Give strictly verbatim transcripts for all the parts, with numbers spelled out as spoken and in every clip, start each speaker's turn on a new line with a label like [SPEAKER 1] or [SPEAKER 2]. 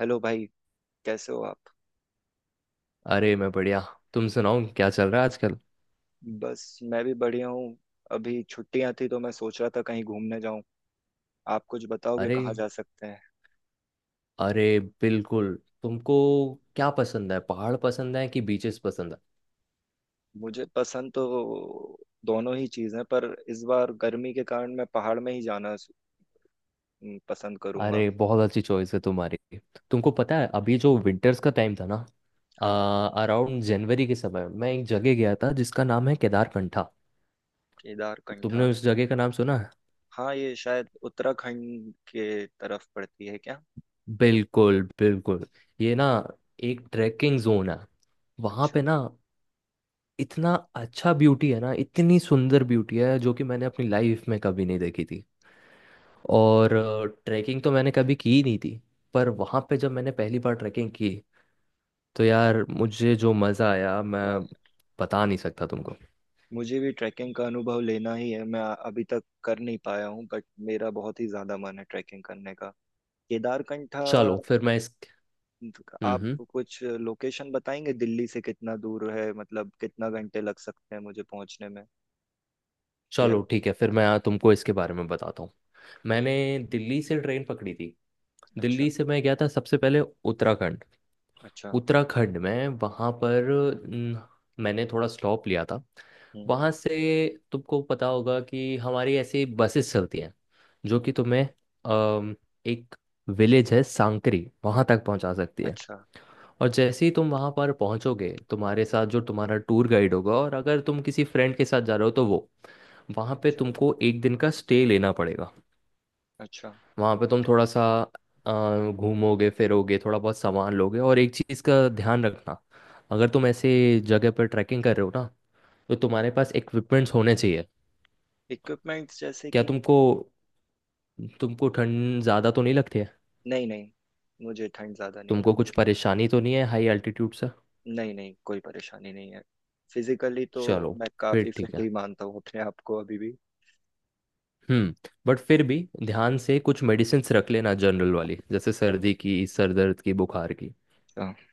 [SPEAKER 1] Hello भाई। कैसे हो आप।
[SPEAKER 2] अरे मैं बढ़िया। तुम सुनाओ क्या चल रहा है आजकल?
[SPEAKER 1] बस मैं भी बढ़िया हूँ। अभी छुट्टियां थी तो मैं सोच रहा था कहीं घूमने जाऊं। आप कुछ बताओगे
[SPEAKER 2] अरे
[SPEAKER 1] कहाँ जा सकते हैं।
[SPEAKER 2] अरे बिल्कुल। तुमको क्या पसंद है, पहाड़ पसंद है कि बीचेस पसंद है?
[SPEAKER 1] मुझे पसंद तो दोनों ही चीज़ें, पर इस बार गर्मी के कारण मैं पहाड़ में ही जाना सु- म, पसंद करूंगा।
[SPEAKER 2] अरे बहुत अच्छी चॉइस है तुम्हारी। तुमको पता है अभी जो विंटर्स का टाइम था ना,
[SPEAKER 1] हाँ।
[SPEAKER 2] अराउंड जनवरी के समय मैं एक जगह गया था जिसका नाम है केदारकंठा। तुमने
[SPEAKER 1] केदारकंठा।
[SPEAKER 2] उस जगह का नाम सुना है?
[SPEAKER 1] हाँ, ये शायद उत्तराखंड के तरफ पड़ती है क्या।
[SPEAKER 2] बिल्कुल बिल्कुल। ये ना एक ट्रैकिंग जोन है। वहां
[SPEAKER 1] अच्छा।
[SPEAKER 2] पे ना इतना अच्छा ब्यूटी है ना, इतनी सुंदर ब्यूटी है जो कि मैंने अपनी लाइफ में कभी नहीं देखी थी। और ट्रैकिंग तो मैंने कभी की ही नहीं थी, पर वहाँ पे जब मैंने पहली बार ट्रैकिंग की, तो यार मुझे जो मज़ा आया मैं
[SPEAKER 1] वाह यार।
[SPEAKER 2] बता नहीं सकता तुमको।
[SPEAKER 1] मुझे भी ट्रैकिंग का अनुभव लेना ही है, मैं अभी तक कर नहीं पाया हूँ बट मेरा बहुत ही ज्यादा मन है ट्रैकिंग करने का। केदारकंठा।
[SPEAKER 2] चलो फिर मैं इस हम्म
[SPEAKER 1] आप
[SPEAKER 2] हम्म।
[SPEAKER 1] कुछ लोकेशन बताएंगे दिल्ली से कितना दूर है, मतलब कितना घंटे लग सकते हैं मुझे पहुंचने में। या।
[SPEAKER 2] चलो ठीक है, फिर मैं आ, तुमको इसके बारे में बताता हूँ। मैंने दिल्ली से ट्रेन पकड़ी थी।
[SPEAKER 1] अच्छा।
[SPEAKER 2] दिल्ली से मैं गया था सबसे पहले उत्तराखंड।
[SPEAKER 1] अच्छा।
[SPEAKER 2] उत्तराखंड में वहाँ पर न, मैंने थोड़ा स्लॉप लिया था।
[SPEAKER 1] हम्म।
[SPEAKER 2] वहाँ से तुमको पता होगा कि हमारी ऐसी बसेस चलती हैं जो कि तुम्हें अम, एक विलेज है सांकरी वहाँ तक पहुँचा सकती है।
[SPEAKER 1] अच्छा।
[SPEAKER 2] और जैसे ही तुम वहाँ पर पहुँचोगे, तुम्हारे साथ जो तुम्हारा टूर गाइड होगा, और अगर तुम किसी फ्रेंड के साथ जा रहे हो तो वो, वहाँ पे
[SPEAKER 1] अच्छा।
[SPEAKER 2] तुमको एक दिन का स्टे लेना पड़ेगा।
[SPEAKER 1] अच्छा।
[SPEAKER 2] वहाँ पे तुम थोड़ा सा अ, घूमोगे फिरोगे, थोड़ा बहुत सामान लोगे, और एक चीज़ का ध्यान रखना। अगर तुम ऐसे जगह पर ट्रैकिंग कर रहे हो ना, तो तुम्हारे पास इक्विपमेंट्स होने चाहिए।
[SPEAKER 1] इक्विपमेंट्स जैसे
[SPEAKER 2] क्या
[SPEAKER 1] कि।
[SPEAKER 2] तुमको तुमको ठंड ज़्यादा तो नहीं लगती है?
[SPEAKER 1] नहीं नहीं, मुझे ठंड ज़्यादा नहीं
[SPEAKER 2] तुमको
[SPEAKER 1] लगती।
[SPEAKER 2] कुछ परेशानी तो नहीं है हाई एल्टीट्यूड से?
[SPEAKER 1] नहीं नहीं, कोई परेशानी नहीं है। फिजिकली तो
[SPEAKER 2] चलो,
[SPEAKER 1] मैं काफ़ी
[SPEAKER 2] फिर ठीक
[SPEAKER 1] फिट
[SPEAKER 2] है।
[SPEAKER 1] ही मानता हूँ अपने आप को अभी भी।
[SPEAKER 2] हम्म। बट फिर भी ध्यान से कुछ मेडिसिन्स रख लेना, जनरल वाली, जैसे सर्दी की, सर दर्द की, बुखार की।
[SPEAKER 1] अच्छा।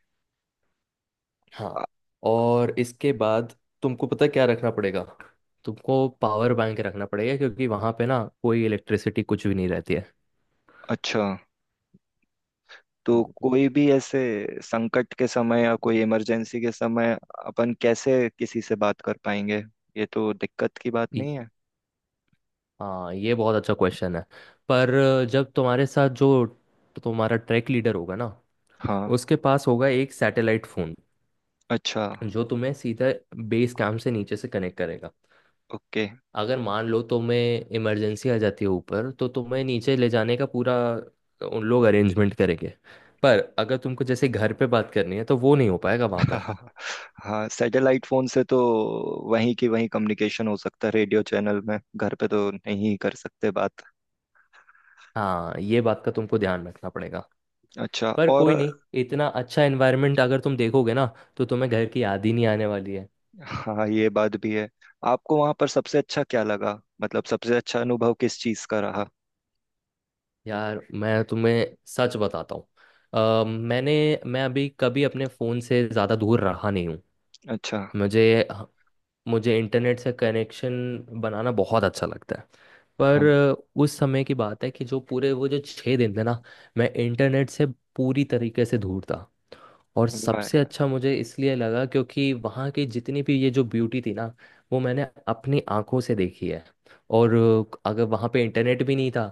[SPEAKER 1] आ-
[SPEAKER 2] हाँ। और इसके बाद तुमको पता है क्या रखना पड़ेगा? तुमको पावर बैंक रखना पड़ेगा, क्योंकि वहां पे ना कोई इलेक्ट्रिसिटी कुछ भी नहीं रहती है।
[SPEAKER 1] अच्छा, तो
[SPEAKER 2] हम्म,
[SPEAKER 1] कोई भी ऐसे संकट के समय या कोई इमरजेंसी के समय अपन कैसे किसी से बात कर पाएंगे। ये तो दिक्कत की बात
[SPEAKER 2] ये-
[SPEAKER 1] नहीं है।
[SPEAKER 2] हाँ ये बहुत अच्छा क्वेश्चन है। पर जब तुम्हारे साथ जो तुम्हारा ट्रैक लीडर होगा ना,
[SPEAKER 1] हाँ।
[SPEAKER 2] उसके पास होगा एक सैटेलाइट फोन,
[SPEAKER 1] अच्छा।
[SPEAKER 2] जो तुम्हें सीधा बेस कैंप से नीचे से कनेक्ट करेगा।
[SPEAKER 1] ओके।
[SPEAKER 2] अगर मान लो तुम्हें इमरजेंसी आ जाती है ऊपर, तो तुम्हें नीचे ले जाने का पूरा उन लोग अरेंजमेंट करेंगे। पर अगर तुमको जैसे घर पे बात करनी है, तो वो नहीं हो पाएगा वहाँ पे।
[SPEAKER 1] हाँ, सैटेलाइट फोन से तो वहीं की वहीं कम्युनिकेशन हो सकता है, रेडियो चैनल में, घर पे तो नहीं कर सकते बात।
[SPEAKER 2] हाँ ये बात का तुमको ध्यान रखना पड़ेगा।
[SPEAKER 1] अच्छा,
[SPEAKER 2] पर
[SPEAKER 1] और।
[SPEAKER 2] कोई नहीं, इतना अच्छा एनवायरनमेंट अगर तुम देखोगे ना, तो तुम्हें घर की याद ही नहीं आने वाली है।
[SPEAKER 1] हाँ ये बात भी है। आपको वहां पर सबसे अच्छा क्या लगा, मतलब सबसे अच्छा अनुभव किस चीज का रहा।
[SPEAKER 2] यार मैं तुम्हें सच बताता हूँ। अ, मैंने मैं अभी कभी अपने फ़ोन से ज़्यादा दूर रहा नहीं हूँ।
[SPEAKER 1] अच्छा।
[SPEAKER 2] मुझे मुझे इंटरनेट से कनेक्शन बनाना बहुत अच्छा लगता है। पर
[SPEAKER 1] हाँ।
[SPEAKER 2] उस समय की बात है कि जो पूरे वो जो छः दिन थे ना, मैं इंटरनेट से पूरी तरीके से दूर था। और
[SPEAKER 1] वाह
[SPEAKER 2] सबसे
[SPEAKER 1] यार।
[SPEAKER 2] अच्छा मुझे इसलिए लगा क्योंकि वहाँ की जितनी भी ये जो ब्यूटी थी ना, वो मैंने अपनी आंखों से देखी है। और अगर वहाँ पे इंटरनेट भी नहीं था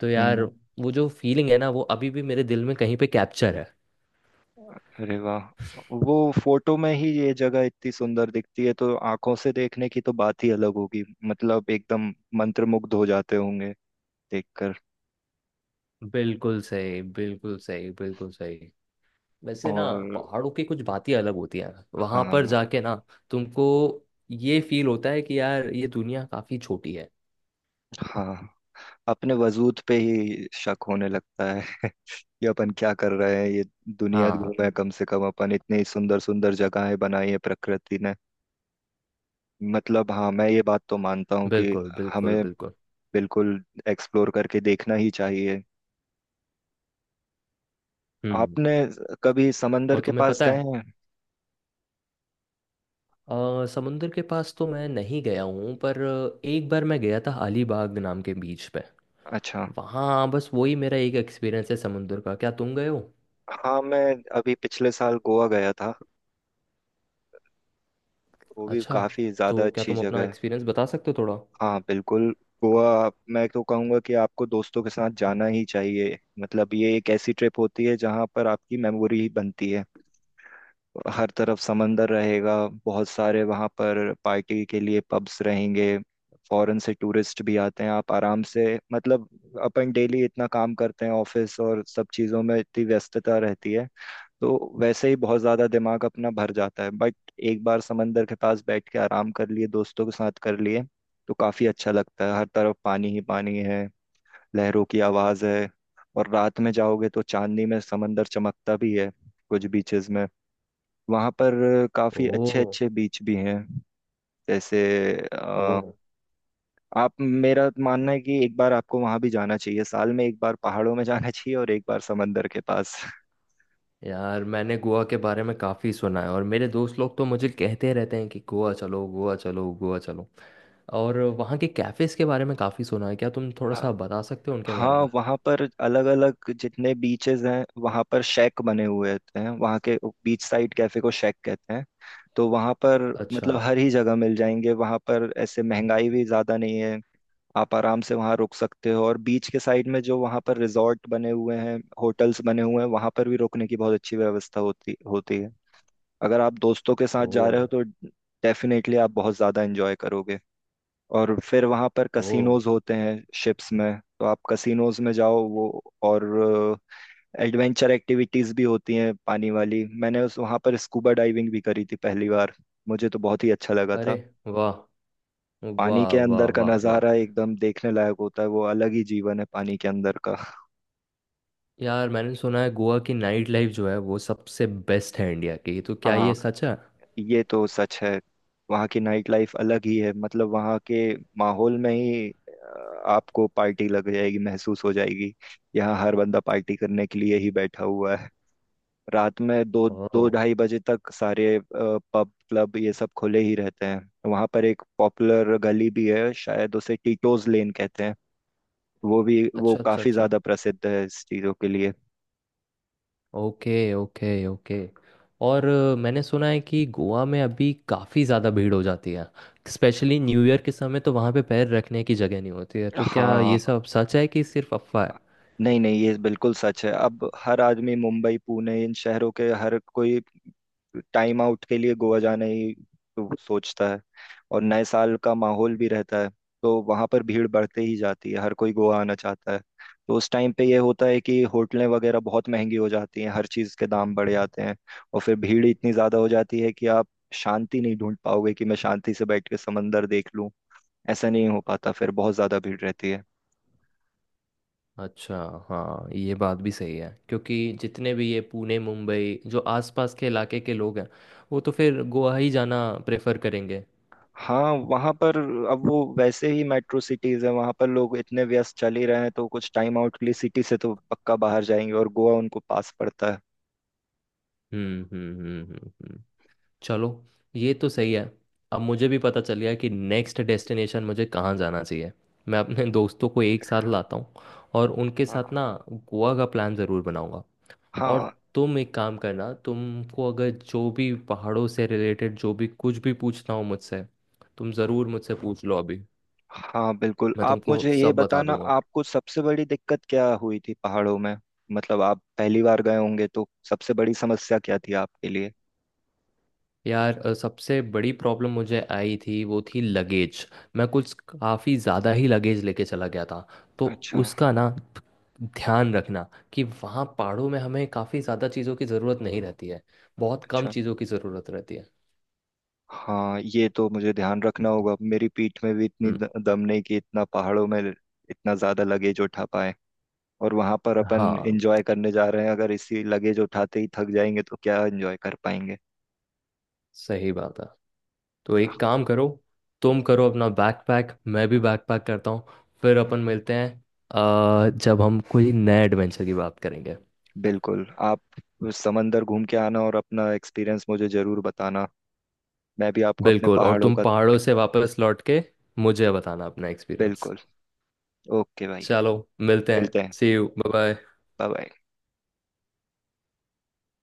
[SPEAKER 2] तो यार,
[SPEAKER 1] हम्म।
[SPEAKER 2] वो जो फीलिंग है ना, वो अभी भी मेरे दिल में कहीं पे कैप्चर है।
[SPEAKER 1] अरे वाह। वो फोटो में ही ये जगह इतनी सुंदर दिखती है तो आंखों से देखने की तो बात ही अलग होगी। मतलब एकदम मंत्रमुग्ध हो जाते होंगे देखकर।
[SPEAKER 2] बिल्कुल सही बिल्कुल सही बिल्कुल सही। वैसे ना
[SPEAKER 1] और।
[SPEAKER 2] पहाड़ों की कुछ बातें अलग होती हैं। वहां पर
[SPEAKER 1] हाँ।
[SPEAKER 2] जाके ना तुमको ये फील होता है कि यार ये दुनिया काफी छोटी है।
[SPEAKER 1] हाँ, अपने वजूद पे ही शक होने लगता है कि अपन क्या कर रहे हैं ये, दुनिया
[SPEAKER 2] हाँ।
[SPEAKER 1] घूमे कम से कम अपन, इतनी सुंदर सुंदर जगहें बनाई है प्रकृति ने। मतलब हाँ, मैं ये बात तो मानता हूँ कि
[SPEAKER 2] बिल्कुल बिल्कुल
[SPEAKER 1] हमें
[SPEAKER 2] बिल्कुल
[SPEAKER 1] बिल्कुल एक्सप्लोर करके देखना ही चाहिए।
[SPEAKER 2] हम्म।
[SPEAKER 1] आपने कभी समंदर
[SPEAKER 2] और
[SPEAKER 1] के
[SPEAKER 2] तुम्हें
[SPEAKER 1] पास
[SPEAKER 2] पता
[SPEAKER 1] गए
[SPEAKER 2] है,
[SPEAKER 1] हैं।
[SPEAKER 2] अ, समुंदर के पास तो मैं नहीं गया हूँ, पर एक बार मैं गया था अलीबाग नाम के बीच पे।
[SPEAKER 1] अच्छा।
[SPEAKER 2] वहाँ बस वही मेरा एक एक्सपीरियंस है समुंदर का। क्या तुम गए हो?
[SPEAKER 1] हाँ, मैं अभी पिछले साल गोवा गया था। वो भी
[SPEAKER 2] अच्छा।
[SPEAKER 1] काफ़ी
[SPEAKER 2] तो
[SPEAKER 1] ज़्यादा
[SPEAKER 2] क्या
[SPEAKER 1] अच्छी
[SPEAKER 2] तुम अपना
[SPEAKER 1] जगह है।
[SPEAKER 2] एक्सपीरियंस बता सकते हो थोड़ा?
[SPEAKER 1] हाँ बिल्कुल। गोवा, मैं तो कहूँगा कि आपको दोस्तों के साथ जाना ही चाहिए। मतलब ये एक ऐसी ट्रिप होती है जहाँ पर आपकी मेमोरी ही बनती है। हर तरफ समंदर रहेगा। बहुत सारे वहाँ पर पार्टी के लिए पब्स रहेंगे। फॉरेन से टूरिस्ट भी आते हैं। आप आराम से, मतलब, अपन डेली इतना काम करते हैं, ऑफिस और सब चीज़ों में इतनी व्यस्तता रहती है तो वैसे ही बहुत ज़्यादा दिमाग अपना भर जाता है, बट एक बार समंदर के पास बैठ के आराम कर लिए, दोस्तों के साथ कर लिए, तो काफ़ी अच्छा लगता है। हर तरफ पानी ही पानी है, लहरों की आवाज़ है, और रात में जाओगे तो चांदनी में समंदर चमकता भी है कुछ बीचेस में। वहाँ पर काफ़ी अच्छे
[SPEAKER 2] ओ।
[SPEAKER 1] अच्छे बीच भी हैं, जैसे अ,
[SPEAKER 2] ओ।
[SPEAKER 1] आप, मेरा मानना है कि एक बार आपको वहाँ भी जाना चाहिए, साल में एक बार पहाड़ों में जाना चाहिए और एक बार समंदर के पास।
[SPEAKER 2] यार मैंने गोवा के बारे में काफ़ी सुना है, और मेरे दोस्त लोग तो मुझे कहते रहते हैं कि गोवा चलो, गोवा चलो, गोवा चलो। और वहाँ के कैफ़ेज़ के बारे में काफ़ी सुना है, क्या तुम थोड़ा
[SPEAKER 1] हाँ।
[SPEAKER 2] सा बता सकते हो उनके
[SPEAKER 1] हाँ,
[SPEAKER 2] बारे में?
[SPEAKER 1] वहाँ पर अलग अलग जितने बीचेस हैं वहाँ पर शेक बने हुए होते हैं, वहाँ के बीच साइड कैफे को शेक कहते हैं। तो वहाँ पर,
[SPEAKER 2] अच्छा।
[SPEAKER 1] मतलब, हर ही जगह मिल जाएंगे वहाँ पर ऐसे, महंगाई भी ज़्यादा नहीं है। आप आराम से वहाँ रुक सकते हो, और बीच के साइड में जो वहाँ पर रिजॉर्ट बने हुए हैं, होटल्स बने हुए हैं, वहाँ पर भी रुकने की बहुत अच्छी व्यवस्था होती होती है। अगर आप दोस्तों के साथ जा रहे हो
[SPEAKER 2] ओ।
[SPEAKER 1] तो डेफिनेटली आप बहुत ज़्यादा एंजॉय करोगे। और फिर वहाँ पर
[SPEAKER 2] ओ।
[SPEAKER 1] कसिनोज होते हैं शिप्स में, तो आप कसिनोज में जाओ वो, और एडवेंचर एक्टिविटीज़ भी होती हैं पानी वाली। मैंने उस वहाँ पर स्कूबा डाइविंग भी करी थी पहली बार, मुझे तो बहुत ही अच्छा लगा
[SPEAKER 2] अरे
[SPEAKER 1] था।
[SPEAKER 2] वाह।
[SPEAKER 1] पानी
[SPEAKER 2] वाह
[SPEAKER 1] के
[SPEAKER 2] वाह
[SPEAKER 1] अंदर का
[SPEAKER 2] वाह वाह।
[SPEAKER 1] नज़ारा एकदम देखने लायक होता है, वो अलग ही जीवन है पानी के अंदर का।
[SPEAKER 2] यार मैंने सुना है गोवा की नाइट लाइफ जो है वो सबसे बेस्ट है इंडिया की, तो क्या
[SPEAKER 1] हाँ,
[SPEAKER 2] ये सच है?
[SPEAKER 1] ये तो सच है। वहाँ की नाइट लाइफ अलग ही है, मतलब वहाँ के माहौल में ही अ, आपको पार्टी लग जाएगी, महसूस हो जाएगी। यहाँ हर बंदा पार्टी करने के लिए ही बैठा हुआ है। रात में दो
[SPEAKER 2] ओह।
[SPEAKER 1] दो ढाई बजे तक सारे पब क्लब ये सब खुले ही रहते हैं। वहाँ पर एक पॉपुलर गली भी है, शायद उसे टीटोज लेन कहते हैं। वो भी, वो
[SPEAKER 2] अच्छा अच्छा
[SPEAKER 1] काफी
[SPEAKER 2] अच्छा।
[SPEAKER 1] ज्यादा प्रसिद्ध है इस चीजों के लिए।
[SPEAKER 2] Okay okay okay. और अ, मैंने सुना है कि गोवा में अभी काफ़ी ज़्यादा भीड़ हो जाती है, स्पेशली न्यू ईयर के समय तो वहाँ पे पैर रखने की जगह नहीं होती है, तो क्या
[SPEAKER 1] हाँ।
[SPEAKER 2] ये सब सच है कि सिर्फ अफवाह है?
[SPEAKER 1] नहीं नहीं, ये बिल्कुल सच है। अब हर आदमी मुंबई पुणे इन शहरों के, हर कोई टाइम आउट के लिए गोवा जाने ही तो सोचता है। और नए साल का माहौल भी रहता है तो वहां पर भीड़ बढ़ते ही जाती है, हर कोई गोवा आना चाहता है। तो उस टाइम पे ये होता है कि होटलें वगैरह बहुत महंगी हो जाती हैं, हर चीज़ के दाम बढ़ जाते हैं, और फिर भीड़ इतनी ज़्यादा हो जाती है कि आप शांति नहीं ढूंढ पाओगे कि मैं शांति से बैठ के समंदर देख लूं। ऐसा नहीं हो पाता, फिर बहुत ज़्यादा भीड़ रहती है।
[SPEAKER 2] अच्छा। हाँ ये बात भी सही है, क्योंकि जितने भी ये पुणे मुंबई जो आसपास के इलाके के लोग हैं, वो तो फिर गोवा ही जाना प्रेफर करेंगे।
[SPEAKER 1] हाँ, वहां पर अब वो वैसे ही मेट्रो सिटीज है, वहां पर लोग इतने व्यस्त चल ही रहे हैं तो कुछ टाइम आउट के लिए सिटी से तो पक्का बाहर जाएंगे, और गोवा उनको पास पड़ता है।
[SPEAKER 2] हम्म हम्म हम्म हम्म हम्म। चलो, ये तो सही है। अब मुझे भी पता चल गया कि नेक्स्ट डेस्टिनेशन मुझे कहाँ जाना चाहिए। मैं अपने दोस्तों को एक साथ लाता हूँ, और उनके साथ
[SPEAKER 1] हाँ।
[SPEAKER 2] ना गोवा का प्लान ज़रूर बनाऊंगा।
[SPEAKER 1] हाँ।
[SPEAKER 2] और तुम एक काम करना, तुमको अगर जो भी पहाड़ों से रिलेटेड जो भी कुछ भी पूछना हो मुझसे, तुम ज़रूर मुझसे पूछ लो अभी।
[SPEAKER 1] हाँ बिल्कुल,
[SPEAKER 2] मैं
[SPEAKER 1] आप
[SPEAKER 2] तुमको
[SPEAKER 1] मुझे ये
[SPEAKER 2] सब बता
[SPEAKER 1] बताना,
[SPEAKER 2] दूंगा।
[SPEAKER 1] आपको सबसे बड़ी दिक्कत क्या हुई थी पहाड़ों में, मतलब आप पहली बार गए होंगे तो सबसे बड़ी समस्या क्या थी आपके लिए।
[SPEAKER 2] यार अ, सबसे बड़ी प्रॉब्लम मुझे आई थी वो थी लगेज। मैं कुछ काफ़ी ज़्यादा ही लगेज लेके चला गया था। तो
[SPEAKER 1] अच्छा।
[SPEAKER 2] उसका ना ध्यान रखना कि वहाँ पहाड़ों में हमें काफ़ी ज़्यादा चीज़ों की ज़रूरत नहीं रहती है। बहुत कम
[SPEAKER 1] अच्छा,
[SPEAKER 2] चीज़ों की ज़रूरत रहती है।
[SPEAKER 1] हाँ ये तो मुझे ध्यान रखना होगा, मेरी पीठ में भी इतनी
[SPEAKER 2] हम्म।
[SPEAKER 1] द- दम नहीं कि इतना पहाड़ों में इतना ज्यादा लगेज उठा पाए। और वहां पर अपन
[SPEAKER 2] हाँ
[SPEAKER 1] एंजॉय करने जा रहे हैं, अगर इसी लगेज उठाते ही थक जाएंगे तो क्या एंजॉय कर पाएंगे।
[SPEAKER 2] सही बात है। तो एक काम करो, तुम करो अपना बैकपैक, मैं भी बैकपैक करता हूँ, फिर अपन मिलते हैं अ, जब हम कोई नए एडवेंचर की बात करेंगे।
[SPEAKER 1] बिल्कुल। आप उस समंदर घूम के आना और अपना एक्सपीरियंस मुझे जरूर बताना, मैं भी आपको अपने
[SPEAKER 2] बिल्कुल। और
[SPEAKER 1] पहाड़ों
[SPEAKER 2] तुम
[SPEAKER 1] का।
[SPEAKER 2] पहाड़ों से वापस लौट के मुझे बताना अपना एक्सपीरियंस।
[SPEAKER 1] बिल्कुल। ओके भाई।
[SPEAKER 2] चलो, मिलते हैं।
[SPEAKER 1] मिलते हैं।
[SPEAKER 2] See you, bye bye.
[SPEAKER 1] Bye bye.